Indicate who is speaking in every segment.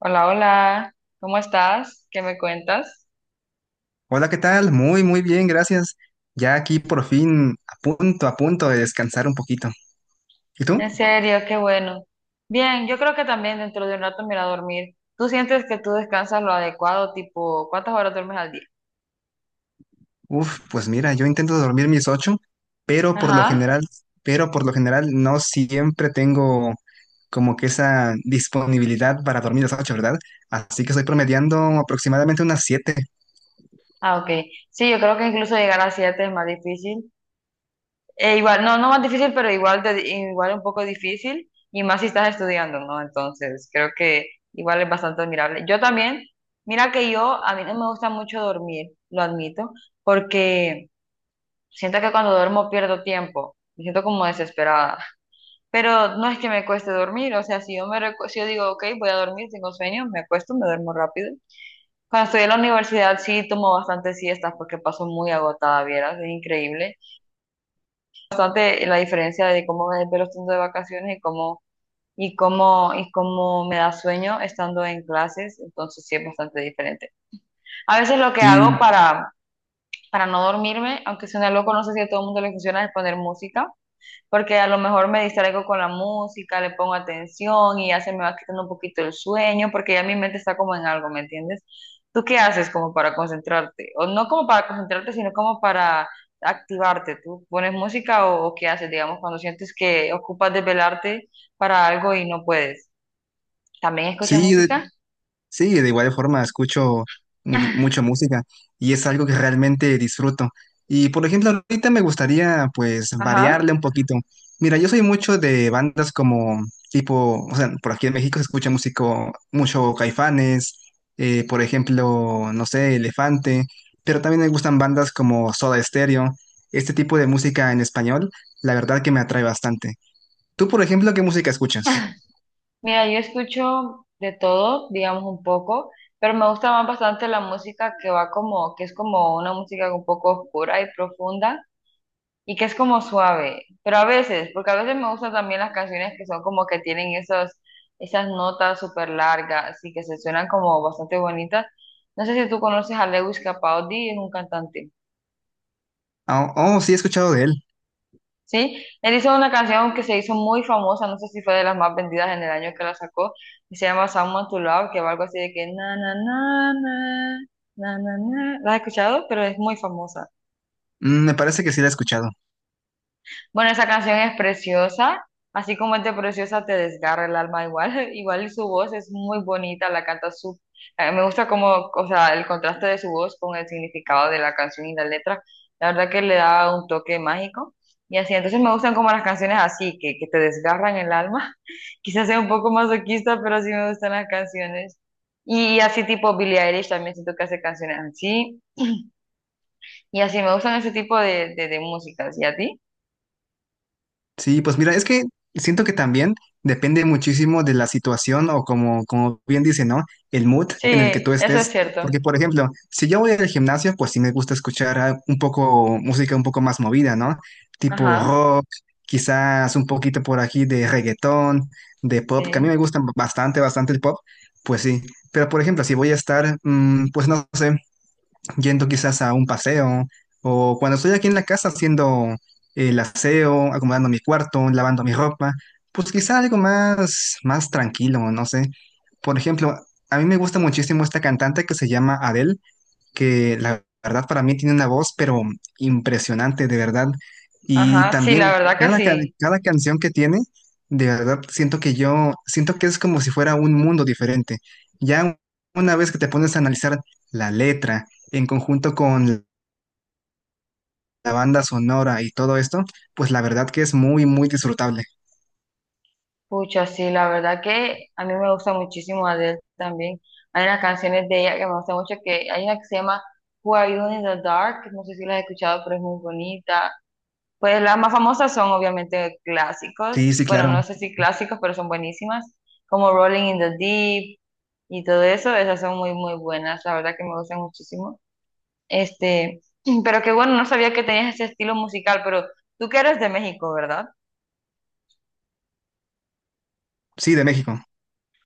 Speaker 1: Hola, hola, ¿cómo estás? ¿Qué me cuentas?
Speaker 2: Hola, ¿qué tal? Muy bien, gracias. Ya aquí por fin a punto de descansar un poquito. ¿Y tú?
Speaker 1: En serio, qué bueno. Bien, yo creo que también dentro de un rato me iré a dormir. ¿Tú sientes que tú descansas lo adecuado, tipo, cuántas horas duermes al día?
Speaker 2: Pues mira, yo intento dormir mis ocho, pero por lo
Speaker 1: Ajá.
Speaker 2: general, pero por lo general no siempre tengo como que esa disponibilidad para dormir las ocho, ¿verdad? Así que estoy promediando aproximadamente unas siete.
Speaker 1: Ah, ok. Sí, yo creo que incluso llegar a siete es más difícil. Igual, no, no más difícil, pero igual, igual un poco difícil, y más si estás estudiando, ¿no? Entonces, creo que igual es bastante admirable. Yo también, mira que yo, a mí no me gusta mucho dormir, lo admito, porque... Siento que cuando duermo pierdo tiempo, me siento como desesperada, pero no es que me cueste dormir, o sea, si yo si yo digo, ok, voy a dormir, tengo sueño, me acuesto, me duermo rápido. Cuando estoy en la universidad sí tomo bastantes siestas porque paso muy agotada, vieras, es increíble. Bastante la diferencia de cómo me desvelo estando de vacaciones y cómo me da sueño estando en clases, entonces sí es bastante diferente. A veces lo que hago
Speaker 2: Sí,
Speaker 1: para no dormirme, aunque suena loco, no sé si a todo el mundo le funciona, es poner música. Porque a lo mejor me distraigo con la música, le pongo atención y ya se me va quitando un poquito el sueño, porque ya mi mente está como en algo, ¿me entiendes? ¿Tú qué haces como para concentrarte? O no como para concentrarte, sino como para activarte. ¿Tú pones música o, qué haces, digamos, cuando sientes que ocupas desvelarte para algo y no puedes? ¿También escuchas
Speaker 2: sí,
Speaker 1: música?
Speaker 2: Sí, de igual forma escucho mucha música y es algo que realmente disfruto. Y por ejemplo, ahorita me gustaría pues
Speaker 1: Ajá.
Speaker 2: variarle un poquito. Mira, yo soy mucho de bandas como tipo, o sea, por aquí en México se escucha músico, mucho Caifanes, por ejemplo, no sé, Elefante, pero también me gustan bandas como Soda Stereo, este tipo de música en español, la verdad que me atrae bastante. ¿Tú, por ejemplo, qué música escuchas?
Speaker 1: Mira, yo escucho de todo, digamos un poco, pero me gusta más bastante la música que va como, que es como una música un poco oscura y profunda y que es como suave, pero a veces, porque a veces me gustan también las canciones que son como que tienen esos, esas notas súper largas y que se suenan como bastante bonitas. No sé si tú conoces a Lewis Capaldi, es un cantante.
Speaker 2: Oh, sí, he escuchado de él.
Speaker 1: ¿Sí? Él hizo una canción que se hizo muy famosa, no sé si fue de las más vendidas en el año que la sacó, y se llama Someone to Love, que va algo así de que na na na na na na na. ¿La has escuchado? Pero es muy famosa.
Speaker 2: Mm, me parece que sí la he escuchado.
Speaker 1: Bueno, esa canción es preciosa, así como es de preciosa te desgarra el alma igual, igual su voz es muy bonita, la canta su, me gusta como, o sea, el contraste de su voz con el significado de la canción y la letra, la verdad que le da un toque mágico y así, entonces me gustan como las canciones así, que te desgarran el alma, quizás sea un poco masoquista, pero sí me gustan las canciones y así tipo Billie Eilish también siento que hace canciones así y así me gustan ese tipo de músicas, ¿y a ti?
Speaker 2: Sí, pues mira, es que siento que también depende muchísimo de la situación o como, como bien dice, ¿no? El mood
Speaker 1: Sí,
Speaker 2: en el que tú
Speaker 1: eso es
Speaker 2: estés.
Speaker 1: cierto.
Speaker 2: Porque, por ejemplo, si yo voy al gimnasio, pues sí me gusta escuchar un poco música un poco más movida, ¿no? Tipo
Speaker 1: Ajá.
Speaker 2: rock, quizás un poquito por aquí de reggaetón, de pop, que a mí
Speaker 1: Sí.
Speaker 2: me gusta bastante el pop, pues sí. Pero, por ejemplo, si voy a estar, pues no sé yendo quizás a un paseo, o cuando estoy aquí en la casa haciendo el aseo, acomodando mi cuarto, lavando mi ropa, pues quizás algo más tranquilo, no sé. Por ejemplo, a mí me gusta muchísimo esta cantante que se llama Adele, que la verdad para mí tiene una voz, pero impresionante, de verdad. Y
Speaker 1: Ajá, sí,
Speaker 2: también
Speaker 1: la verdad que sí.
Speaker 2: cada canción que tiene, de verdad siento que siento que es como si fuera un mundo diferente. Ya una vez que te pones a analizar la letra en conjunto con la banda sonora y todo esto, pues la verdad que es muy disfrutable.
Speaker 1: Pucha, sí, la verdad que a mí me gusta muchísimo Adele también. Hay unas canciones de ella que me gustan mucho, que hay una que se llama Who Are You in the Dark, no sé si la has escuchado, pero es muy bonita. Pues las más famosas son obviamente
Speaker 2: Sí,
Speaker 1: clásicos,
Speaker 2: sí,
Speaker 1: bueno,
Speaker 2: claro.
Speaker 1: no sé si clásicos, pero son buenísimas, como Rolling in the Deep y todo eso, esas son muy, muy buenas, la verdad que me gustan muchísimo. Este, pero que bueno, no sabía que tenías ese estilo musical, pero tú que eres de México, ¿verdad?
Speaker 2: Sí, de México.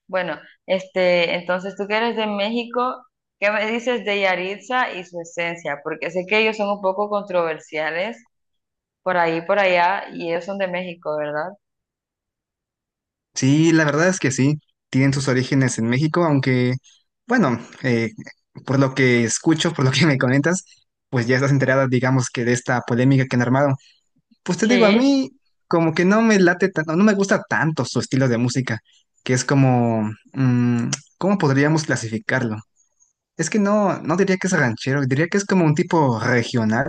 Speaker 1: Bueno, entonces tú que eres de México, ¿qué me dices de Yaritza y su esencia? Porque sé que ellos son un poco controversiales por ahí, por allá, y ellos son de México, ¿verdad?
Speaker 2: Sí, la verdad es que sí, tienen sus orígenes en México, aunque, bueno, por lo que escucho, por lo que me comentas, pues ya estás enterada, digamos, que de esta polémica que han armado. Pues te digo, a
Speaker 1: Sí,
Speaker 2: mí como que no me late tanto, no me gusta tanto su estilo de música, que es como, mm, ¿cómo podríamos clasificarlo? Es que no, no diría que es ranchero, diría que es como un tipo regional,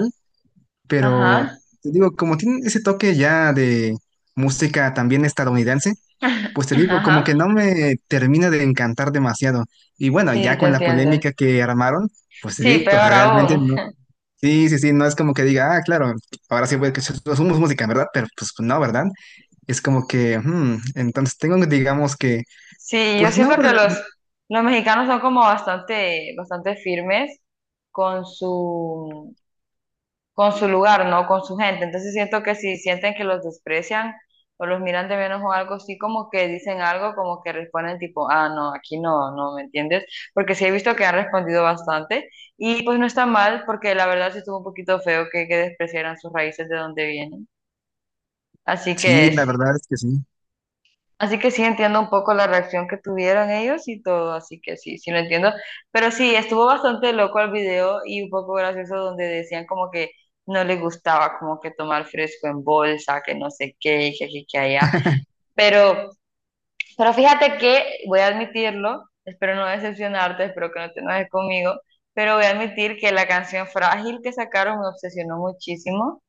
Speaker 2: pero
Speaker 1: ajá,
Speaker 2: te digo, como tiene ese toque ya de música también estadounidense, pues te digo, como que
Speaker 1: ajá,
Speaker 2: no me termina de encantar demasiado. Y bueno,
Speaker 1: sí,
Speaker 2: ya
Speaker 1: te
Speaker 2: con la polémica
Speaker 1: entiendo.
Speaker 2: que armaron, pues te
Speaker 1: Sí,
Speaker 2: digo,
Speaker 1: peor
Speaker 2: realmente
Speaker 1: aún.
Speaker 2: no. Sí, sí, sí, no es como que diga, ah, claro, ahora sí, pues que somos música, ¿verdad? Pero pues no, ¿verdad? Es como que, entonces tengo, digamos que,
Speaker 1: Sí, yo
Speaker 2: pues no,
Speaker 1: siento que los mexicanos son como bastante, bastante firmes con su con su lugar, ¿no? Con su gente. Entonces siento que si sienten que los desprecian o los miran de menos o algo así, como que dicen algo, como que responden tipo, ah, no, aquí no, no, ¿me entiendes? Porque sí he visto que han respondido bastante y pues no está mal porque la verdad sí estuvo un poquito feo que despreciaran sus raíces de donde vienen. Así
Speaker 2: sí,
Speaker 1: que
Speaker 2: la verdad es que sí.
Speaker 1: Así que sí entiendo un poco la reacción que tuvieron ellos y todo, así que sí, sí lo entiendo. Pero sí, estuvo bastante loco el video y un poco gracioso donde decían como que no les gustaba como que tomar fresco en bolsa, que no sé qué, y que aquí, que allá. Pero, pero fíjate que, voy a admitirlo, espero no decepcionarte, espero que no te enojes conmigo, pero voy a admitir que la canción Frágil que sacaron me obsesionó muchísimo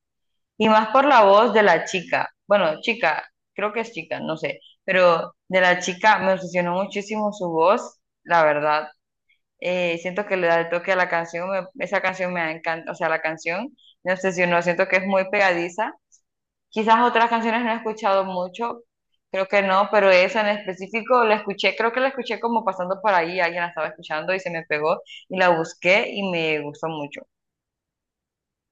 Speaker 1: y más por la voz de la chica. Bueno, chica, creo que es chica, no sé. Pero de la chica me obsesionó muchísimo su voz, la verdad. Siento que le da el toque a la canción. Esa canción me encanta. O sea, la canción me obsesionó. Siento que es muy pegadiza. Quizás otras canciones no he escuchado mucho. Creo que no, pero esa en específico la escuché. Creo que la escuché como pasando por ahí. Alguien la estaba escuchando y se me pegó. Y la busqué y me gustó mucho.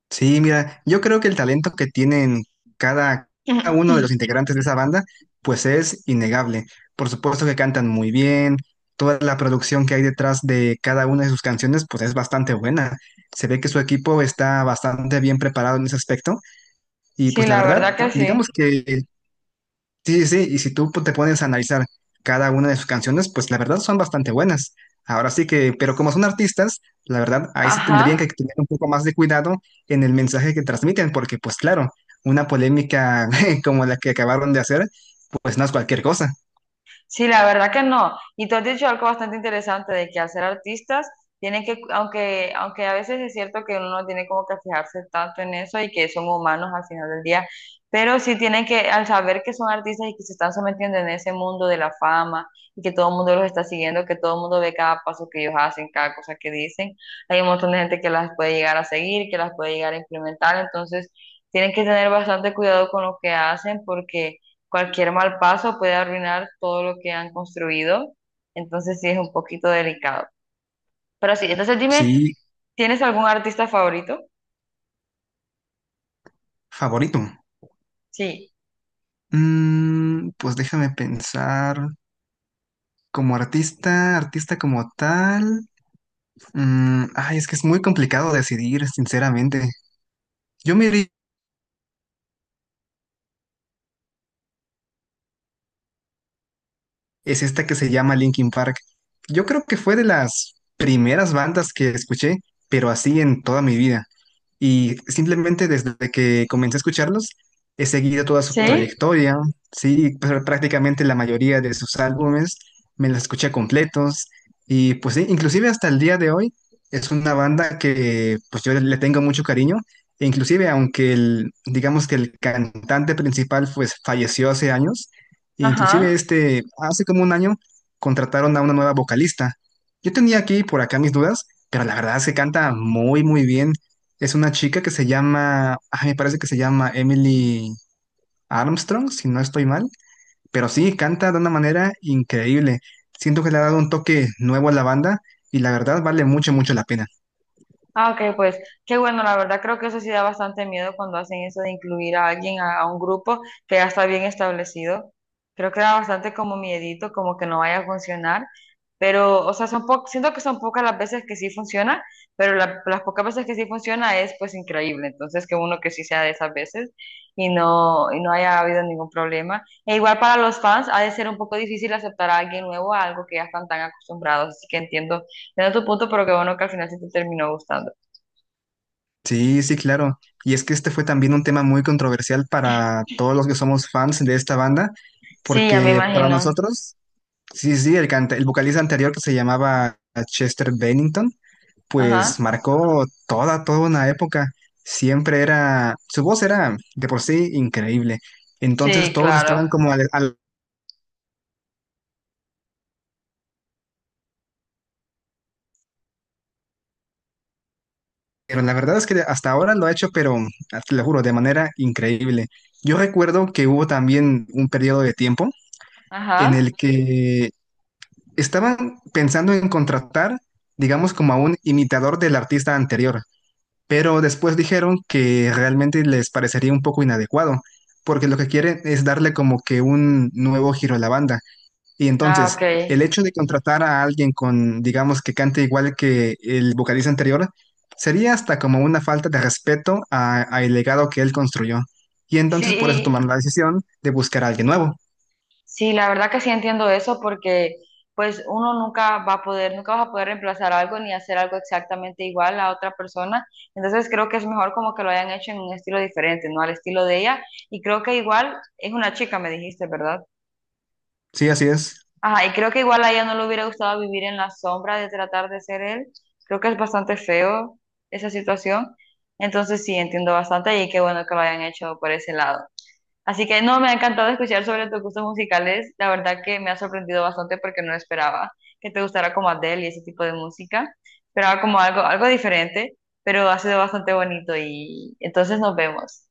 Speaker 2: Sí, mira, yo creo que el talento que tienen cada, cada uno de los integrantes de esa banda, pues es innegable. Por supuesto que cantan muy bien, toda la producción que hay detrás de cada una de sus canciones, pues es bastante buena. Se ve que su equipo está bastante bien preparado en ese aspecto y
Speaker 1: Sí,
Speaker 2: pues la
Speaker 1: la
Speaker 2: verdad,
Speaker 1: verdad que algo,
Speaker 2: digamos
Speaker 1: sí.
Speaker 2: que sí, sí, sí, y si tú pues, te pones a analizar cada una de sus canciones, pues la verdad son bastante buenas. Ahora sí que, pero como son artistas, la verdad, ahí sí tendrían que
Speaker 1: Ajá.
Speaker 2: tener un poco más de cuidado en el mensaje que transmiten, porque pues claro, una polémica como la que acabaron de hacer, pues no es cualquier cosa.
Speaker 1: Sí, la verdad que no. Y tú has dicho algo bastante interesante de que al ser artistas, tienen que, aunque, aunque a veces es cierto que uno no tiene como que fijarse tanto en eso y que son humanos al final del día, pero sí tienen que, al saber que son artistas y que se están sometiendo en ese mundo de la fama y que todo el mundo los está siguiendo, que todo el mundo ve cada paso que ellos hacen, cada cosa que dicen, hay un montón de gente que las puede llegar a seguir, que las puede llegar a implementar, entonces tienen que tener bastante cuidado con lo que hacen porque cualquier mal paso puede arruinar todo lo que han construido, entonces sí es un poquito delicado. Pero sí, entonces dime,
Speaker 2: Sí,
Speaker 1: ¿tienes algún artista favorito?
Speaker 2: favorito.
Speaker 1: Sí.
Speaker 2: Pues déjame pensar, como artista como tal, ay, es que es muy complicado decidir, sinceramente. Yo me iría es esta que se llama Linkin Park. Yo creo que fue de las primeras bandas que escuché, pero así en toda mi vida. Y simplemente desde que comencé a escucharlos, he seguido toda
Speaker 1: Sí.
Speaker 2: su
Speaker 1: Sí,
Speaker 2: trayectoria, sí, prácticamente la mayoría de sus álbumes me los escuché completos. Y pues sí, inclusive hasta el día de hoy es una banda que pues yo le tengo mucho cariño. E inclusive aunque el, digamos que el cantante principal pues falleció hace años, inclusive
Speaker 1: ajá.
Speaker 2: este, hace como un año contrataron a una nueva vocalista. Yo tenía aquí y por acá mis dudas, pero la verdad se canta muy bien. Es una chica que se llama, me parece que se llama Emily Armstrong, si no estoy mal, pero sí, canta de una manera increíble. Siento que le ha dado un toque nuevo a la banda y la verdad vale mucho la pena.
Speaker 1: Ah, ok, pues qué bueno, la verdad creo que eso sí da bastante miedo cuando hacen eso de incluir a alguien a un grupo que ya está bien establecido. Creo que da bastante como miedito, como que no vaya a funcionar, pero, o sea, siento que son pocas las veces que sí funciona, pero las pocas veces que sí funciona es pues increíble, entonces que uno que sí sea de esas veces y no haya habido ningún problema. E igual para los fans ha de ser un poco difícil aceptar a alguien nuevo a algo que ya están tan acostumbrados, así que entiendo. Entiendo tu punto, pero qué bueno que al final sí te terminó gustando.
Speaker 2: Sí, sí, claro. Y es que este fue también un tema muy controversial para todos los que somos fans de esta banda,
Speaker 1: Sí, ya me Ok.
Speaker 2: porque para
Speaker 1: imagino.
Speaker 2: nosotros... Sí, el, el vocalista anterior que se llamaba Chester Bennington, pues
Speaker 1: Ajá.
Speaker 2: marcó toda una época. Siempre era, su voz era de por sí increíble. Entonces
Speaker 1: Sí,
Speaker 2: todos estaban
Speaker 1: claro.
Speaker 2: como pero la verdad es que hasta ahora lo ha hecho, pero ah, te lo juro, de manera increíble. Yo recuerdo que hubo también un periodo de tiempo en
Speaker 1: Ajá.
Speaker 2: el que estaban pensando en contratar, digamos, como a un imitador del artista anterior. Pero después dijeron que realmente les parecería un poco inadecuado, porque lo que quieren es darle como que un nuevo giro a la banda. Y
Speaker 1: Ah, ok.
Speaker 2: entonces, el hecho de contratar a alguien con, digamos, que cante igual que el vocalista anterior, sería hasta como una falta de respeto a el legado que él construyó. Y entonces por eso tomaron
Speaker 1: Sí,
Speaker 2: la decisión de buscar a alguien nuevo.
Speaker 1: sí, la verdad que sí entiendo eso porque pues uno nunca va a poder, nunca vas a poder reemplazar algo ni hacer algo exactamente igual a otra persona. Entonces creo que es mejor como que lo hayan hecho en un estilo diferente, ¿no? Al estilo de ella. Y creo que igual es una chica, me dijiste, ¿verdad?
Speaker 2: Sí, así es.
Speaker 1: Ajá, y creo que igual a ella no le hubiera gustado vivir en la sombra de tratar de ser él. Creo que es bastante feo esa situación. Entonces sí, entiendo bastante y qué bueno que lo hayan hecho por ese lado. Así que no, me ha encantado escuchar sobre tus gustos musicales. La verdad que me ha sorprendido bastante porque no esperaba que te gustara como Adele y ese tipo de música. Esperaba como algo, algo diferente, pero ha sido bastante bonito y entonces nos vemos.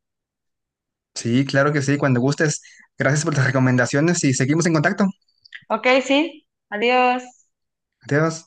Speaker 2: Sí, claro que sí, cuando gustes. Gracias por las recomendaciones y seguimos en contacto.
Speaker 1: Ok, sí, adiós.
Speaker 2: Adiós.